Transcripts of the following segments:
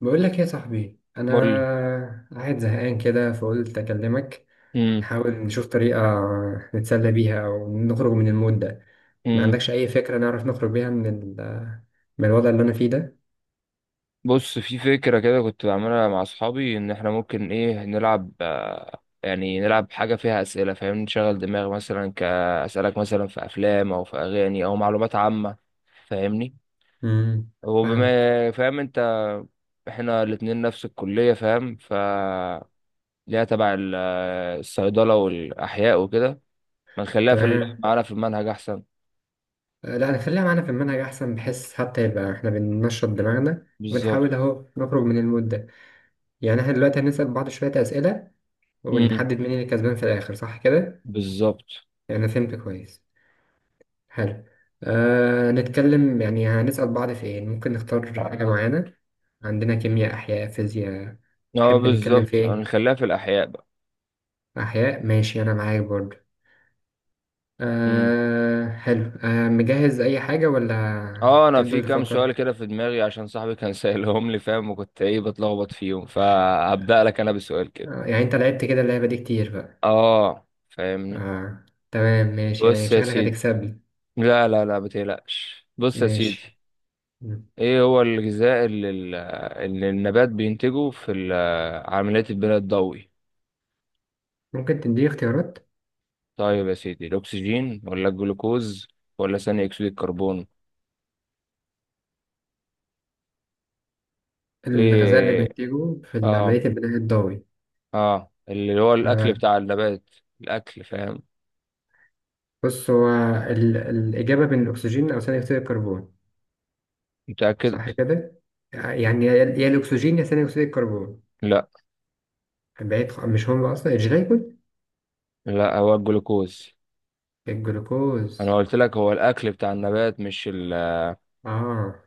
بقول لك يا صاحبي، انا مول. قاعد زهقان كده فقلت اكلمك. امم نحاول نشوف طريقه نتسلى بيها او نخرج من المود ده. ما امم عندكش اي فكره نعرف نخرج بيها من من الوضع اللي انا فيه ده؟ بص في فكرة كده كنت بعملها مع أصحابي إن إحنا ممكن نلعب، يعني نلعب حاجة فيها أسئلة، فاهم؟ نشغل دماغ، مثلا كأسألك مثلا في أفلام أو في أغاني أو معلومات عامة. فاهمني؟ امم فاهمك. وبما فاهم أنت، إحنا الاتنين نفس الكلية فاهم. ليها تبع الصيدلة والأحياء وكده. ما نخليها تمام. معانا في المنهج أحسن. لا، نخليها معانا في المنهج احسن، بحيث حتى يبقى احنا بننشط دماغنا بالظبط. وبنحاول اهو نخرج من المود ده. يعني احنا دلوقتي هنسال بعض شويه اسئله امم. ونحدد مين اللي كسبان في الاخر، صح كده؟ بالظبط. يعني أنا فهمت كويس. حلو. أه نتكلم، يعني هنسأل بعض في ايه؟ ممكن نختار حاجة معينة. عندنا كيمياء، أحياء، فيزياء. اه تحب نتكلم في بالظبط، ايه؟ هنخليها في الاحياء بقى. أحياء ماشي، أنا معاك برضو. امم. أه حلو، أه مجهز أي حاجة ولا اه، انا في تفضل كام تفكر؟ سؤال كده في دماغي عشان صاحبي كان سائلهم لي فاهم، وكنت بتلخبط فيهم، فهبدأ لك انا بسؤال كده. أه يعني أنت لعبت كده اللعبة دي كتير بقى؟ اه فاهمني. أه. تمام ماشي، يعني بص يا شكلك سيدي. هتكسبني. لا لا لا بتقلقش، بص يا سيدي. ماشي. مم. ايه هو الغذاء اللي النبات بينتجه في عملية البناء الضوئي؟ ممكن تديني اختيارات؟ طيب يا سيدي، الاكسجين ولا الجلوكوز ولا ثاني اكسيد الكربون؟ الغذاء اللي ايه؟ بنتجه في اه. عملية البناء الضوئي؟ اه اللي هو الاكل آه، بتاع النبات، الاكل فاهم. بص هو الإجابة بين الأكسجين أو ثاني أكسيد الكربون. متاكد. صح كده؟ يعني يا الأكسجين يا ثاني أكسيد الكربون. لا بعيد، مش هم أصلا الجليكوز؟ لا هو الجلوكوز. انا الجلوكوز. قلت لك هو الاكل بتاع النبات، مش ال... آه،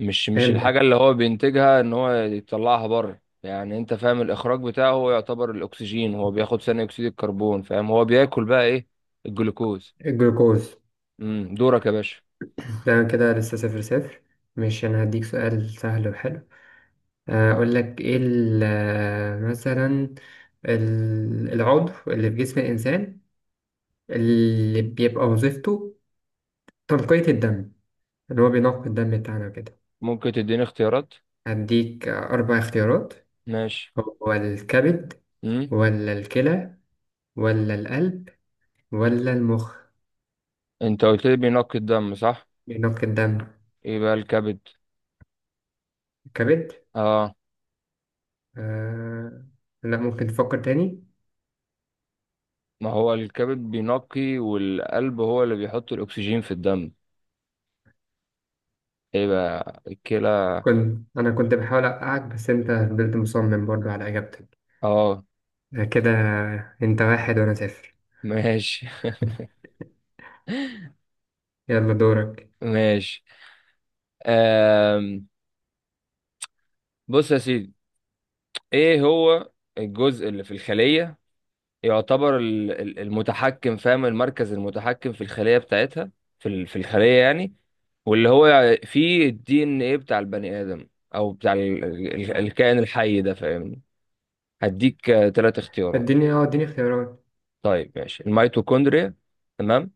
مش الحاجه فهمتك. اللي هو بينتجها ان هو يطلعها بره، يعني انت فاهم الاخراج بتاعه، هو يعتبر الاكسجين هو بياخد ثاني اكسيد الكربون فاهم، هو بياكل بقى ايه؟ الجلوكوز. الجلوكوز. امم، دورك يا باشا. ده كده لسه 0-0. مش أنا هديك سؤال سهل وحلو. أقول لك إيه مثلا العضو اللي في جسم الإنسان اللي بيبقى وظيفته تنقية الدم، اللي هو بينقي الدم بتاعنا كده. ممكن تديني اختيارات. هديك 4 اختيارات. ماشي. هو الكبد امم. ولا الكلى ولا القلب ولا المخ؟ انت قلت لي بينقي الدم صح؟ بينق الدم. ايه بقى الكبد. الكبد؟ اه. آه... لا، ممكن تفكر تاني. ما هو الكبد بينقي، والقلب هو اللي بيحط الأكسجين في الدم. ايه بقى الكلى. كنت أنا كنت بحاول أوقعك بس أنت فضلت مصمم برضو على إجابتك. اه. آه كده، أنت واحد وأنا صفر. ماشي. يلا دورك. ماشي. آم. بص يا سيدي، ايه هو الجزء اللي في الخلية يعتبر المتحكم، فاهم، المركز المتحكم في الخلية بتاعتها، في الخلية يعني، واللي هو فيه الدي ان ايه بتاع البني آدم او بتاع الكائن الحي ده فاهمني. هديك ثلاث اختيارات. اديني اه اختيارات. طيب ماشي، الميتوكوندريا، تمام،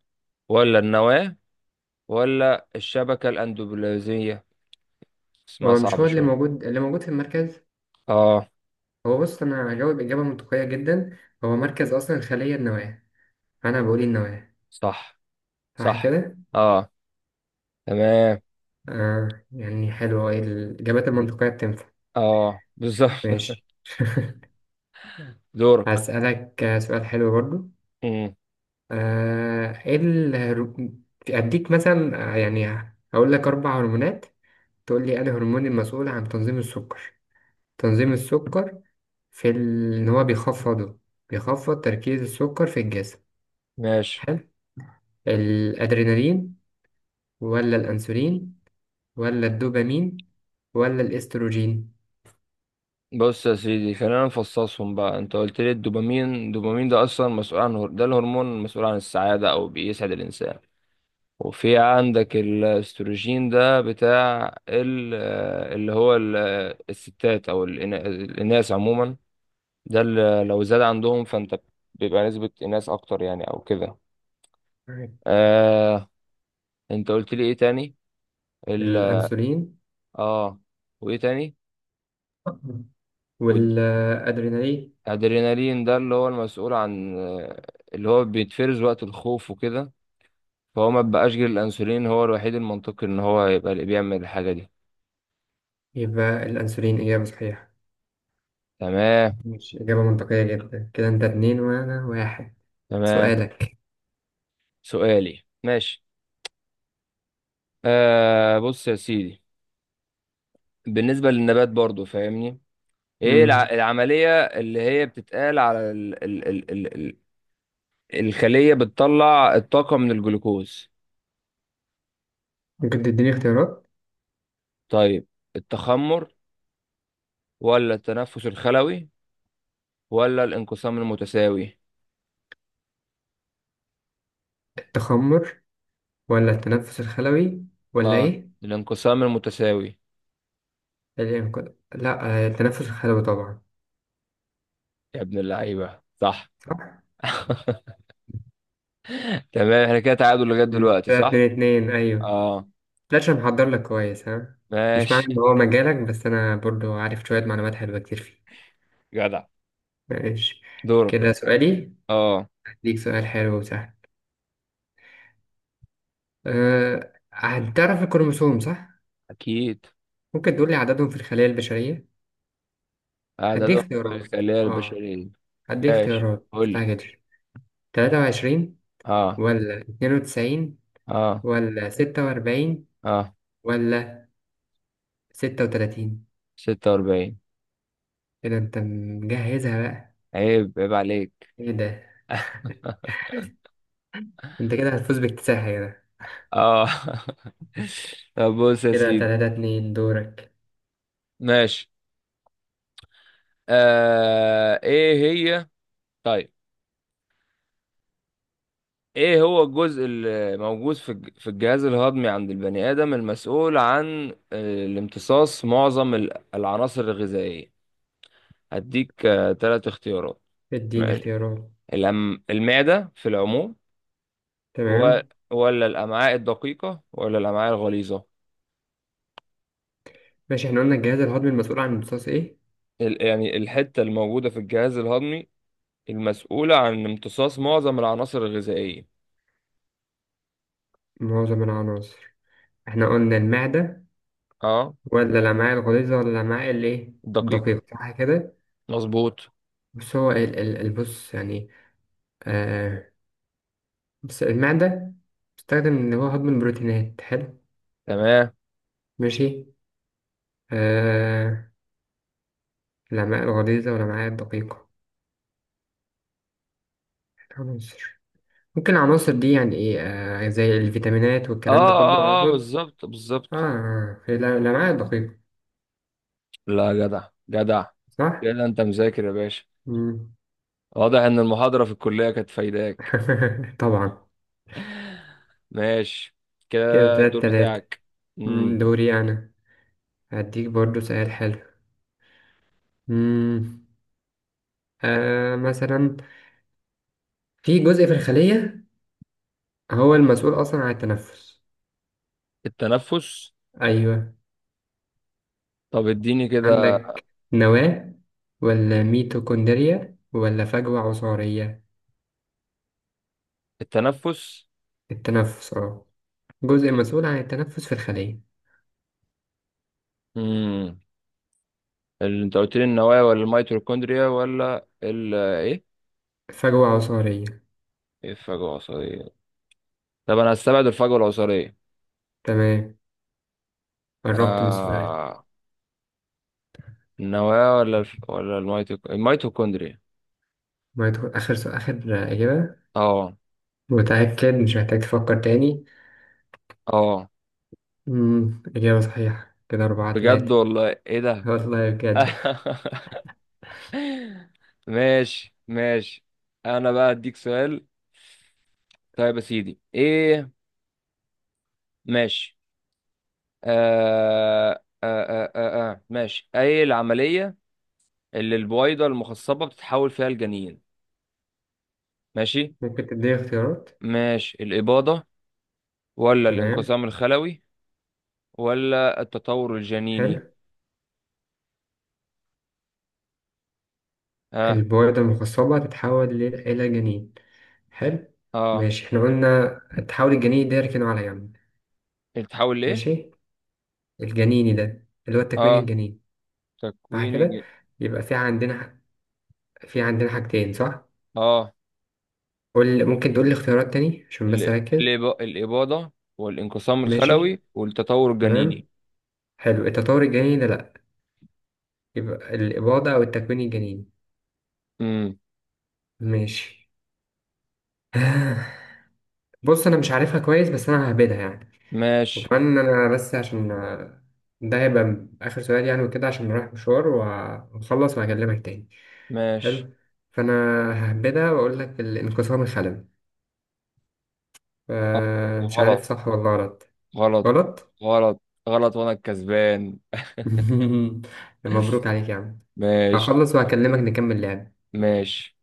ولا النواة، ولا الشبكة الأندوبلازمية. اسمها هو مش صعب هو اللي شوية. موجود في المركز؟ اه. هو بص، أنا هجاوب إجابة منطقية جدا. هو مركز أصلا الخلية النواة. أنا بقول النواة. صح صح صح. كده؟ اه تمام. آه يعني حلو، إيه الإجابات المنطقية بتنفع. اه بالظبط. ماشي. دورك. هسألك سؤال حلو برضو. مم. آه إيه الهرو- أديك مثلا، يعني هقول لك 4 هرمونات، تقول لي أنا هرمون المسؤول عن تنظيم السكر، تنظيم السكر في إن هو بيخفضه، بيخفض تركيز السكر في الجسم. ماشي. حلو. الأدرينالين ولا الأنسولين ولا الدوبامين ولا الإستروجين؟ بص يا سيدي، خلينا نفصصهم بقى. انت قلت لي الدوبامين، الدوبامين ده اصلا مسؤول عن ده الهرمون المسؤول عن السعادة او بيسعد الانسان. وفي عندك الاستروجين، ده بتاع اللي هو الستات او الاناث عموما، ده اللي لو زاد عندهم فانت بيبقى نسبة ناس اكتر، يعني او كده. آه. انت قلت لي ايه تاني؟ ال الأنسولين اه. وايه تاني؟ والأدرينالين. والادرينالين، ده اللي هو المسؤول عن اللي هو بيتفرز وقت الخوف وكده. فهو ما بقاش غير الانسولين هو الوحيد المنطقي ان هو يبقى اللي بيعمل الحاجة دي. يبقى الأنسولين إجابة صحيحة. تمام. مش إجابة منطقية جدا كده؟ أنت اتنين وأنا واحد. تمام. سؤالك. سؤالي ماشي. بص يا سيدي، بالنسبة للنبات برضو فاهمني، ايه مم. العملية اللي هي بتتقال على الخلية بتطلع الطاقة من الجلوكوز؟ ممكن تديني اختيارات؟ طيب، التخمر ولا التنفس الخلوي ولا الانقسام المتساوي؟ التخمر ولا التنفس الخلوي ولا اه. إيه؟ الانقسام المتساوي. الإنقاذ؟ لا، التنفس الخلوي طبعا. يا ابن اللعيبة صح. صح. تمام، احنا كده تعادل لغاية مم. دلوقتي كده صح. 2-2، أيوه. اه. متقلقش، أنا محضر لك كويس ها. مش معنى إن ماشي. هو مجالك، بس أنا برضو عارف شوية معلومات حلوة كتير فيه. جدع. ماشي. دورك. كده سؤالي. اه. هديك سؤال حلو وسهل. أه... هتعرف الكروموسوم صح؟ اكيد. ممكن تقول لي عددهم في الخلايا البشرية؟ هدي عددهم في اختيارات الخلايا اه، البشرية. هدي ماشي اختيارات قول لي. مستعجلش. 23 اه. ولا 92 اه. ولا 46 اه. ولا 36؟ 46. كده انت مجهزها بقى. عيب عيب عليك. ايه ده؟ انت كده هتفوز باكتساح كده. اه. طب بص يا كده سيدي، 3-2، دورك. ماشي. آه ايه هي؟ طيب، ايه هو الجزء اللي موجود في الجهاز الهضمي عند البني ادم المسؤول عن الامتصاص معظم العناصر الغذائية؟ هديك ثلاث اختيارات. اديني ماشي. اختيارات. المعدة في العموم. و... تمام. ولا الأمعاء الدقيقة ولا الأمعاء الغليظة. ماشي احنا قلنا الجهاز الهضمي المسؤول عن امتصاص ايه؟ يعني الحتة الموجودة في الجهاز الهضمي المسؤولة عن امتصاص معظم العناصر الغذائية. معظم العناصر. احنا قلنا المعدة اه. ولا الأمعاء الغليظة ولا الأمعاء الايه؟ دقيقة. الدقيقة، صح كده؟ مظبوط. بس هو البص يعني. آه، بس المعدة بتستخدم إن هو هضم البروتينات. حلو. تمام. ماشي. آه، الأمعاء الغليظة والأمعاء الدقيقة. العناصر، ممكن العناصر دي يعني إيه آه زي الفيتامينات اه والكلام ده كله اه اه أقصد. بالظبط بالظبط. آه هي الأمعاء الدقيقة، لا جدع جدع، صح؟ كده انت مذاكر يا باشا. مم. واضح ان المحاضرة في الكلية كانت فايداك. طبعا. ماشي، كده كده الدور 3-3. بتاعك. مم، امم. دوري أنا. هديك برضو سؤال حلو. مم. آه مثلا في جزء في الخلية هو المسؤول أصلا عن التنفس. التنفس. أيوة. طب اديني كده. عندك نواة ولا ميتوكوندريا ولا فجوة عصارية؟ التنفس. التنفس اه، جزء مسؤول عن التنفس في الخلية. امم. اللي انت قلت لي النوايا ولا الميتوكوندريا ولا ال ايه؟ فجوة عصارية. إيه الفجوة العصبية؟ طب انا هستبعد الفجوة العصبية. تمام، قربت من السؤال. آه، النوايا ولا ولا الميتوكوندريا. ما يدخل آخر سؤال، آخر إجابة. اه. متأكد مش محتاج تفكر تاني؟ اه. مم. إجابة صحيحة. كده أربعة بجد تلاتة والله، ايه ده؟ والله بجد. ماشي ماشي. انا بقى اديك سؤال. طيب يا سيدي ايه؟ ماشي. ماشي، ايه العملية اللي البويضة المخصبة بتتحول فيها الجنين؟ ماشي. ممكن تديني اختيارات؟ ماشي، الإباضة ولا تمام. الانقسام الخلوي ولا التطور حلو. الجنيني. اه. البويضة المخصبة تتحول إلى جنين. حلو. اه ماشي احنا قلنا تحاول الجنين ده يركنه على جنب. بتتحول ليه. ماشي، الجنيني ده اللي هو التكوين اه. الجنيني. صح تكوين كده. يبقى في عندنا حاجتين، صح؟ الجنين. قول، ممكن تقول لي اختيارات تاني عشان بس اركز. الإباضة والانقسام ماشي. الخلوي والتطور الجنيني. تمام، حلو. التطور الجنيني ده لا. يبقى الاباضه او التكوين الجنيني. امم. ماشي. بص انا مش عارفها كويس بس انا ههبدها يعني. ماشي. وكمان انا بس عشان، ده هيبقى اخر سؤال يعني وكده عشان رايح مشوار واخلص وهكلمك تاني. ماشي. حلو. فانا ههبدها واقول لك الانقسام الخلوي. آه، آه مش عارف غلط. صح ولا غلط. غلط. غلط. غلط. غلط وأنا الكسبان. مبروك عليك يا عم. ماشي هخلص وهكلمك نكمل لعب ماشي.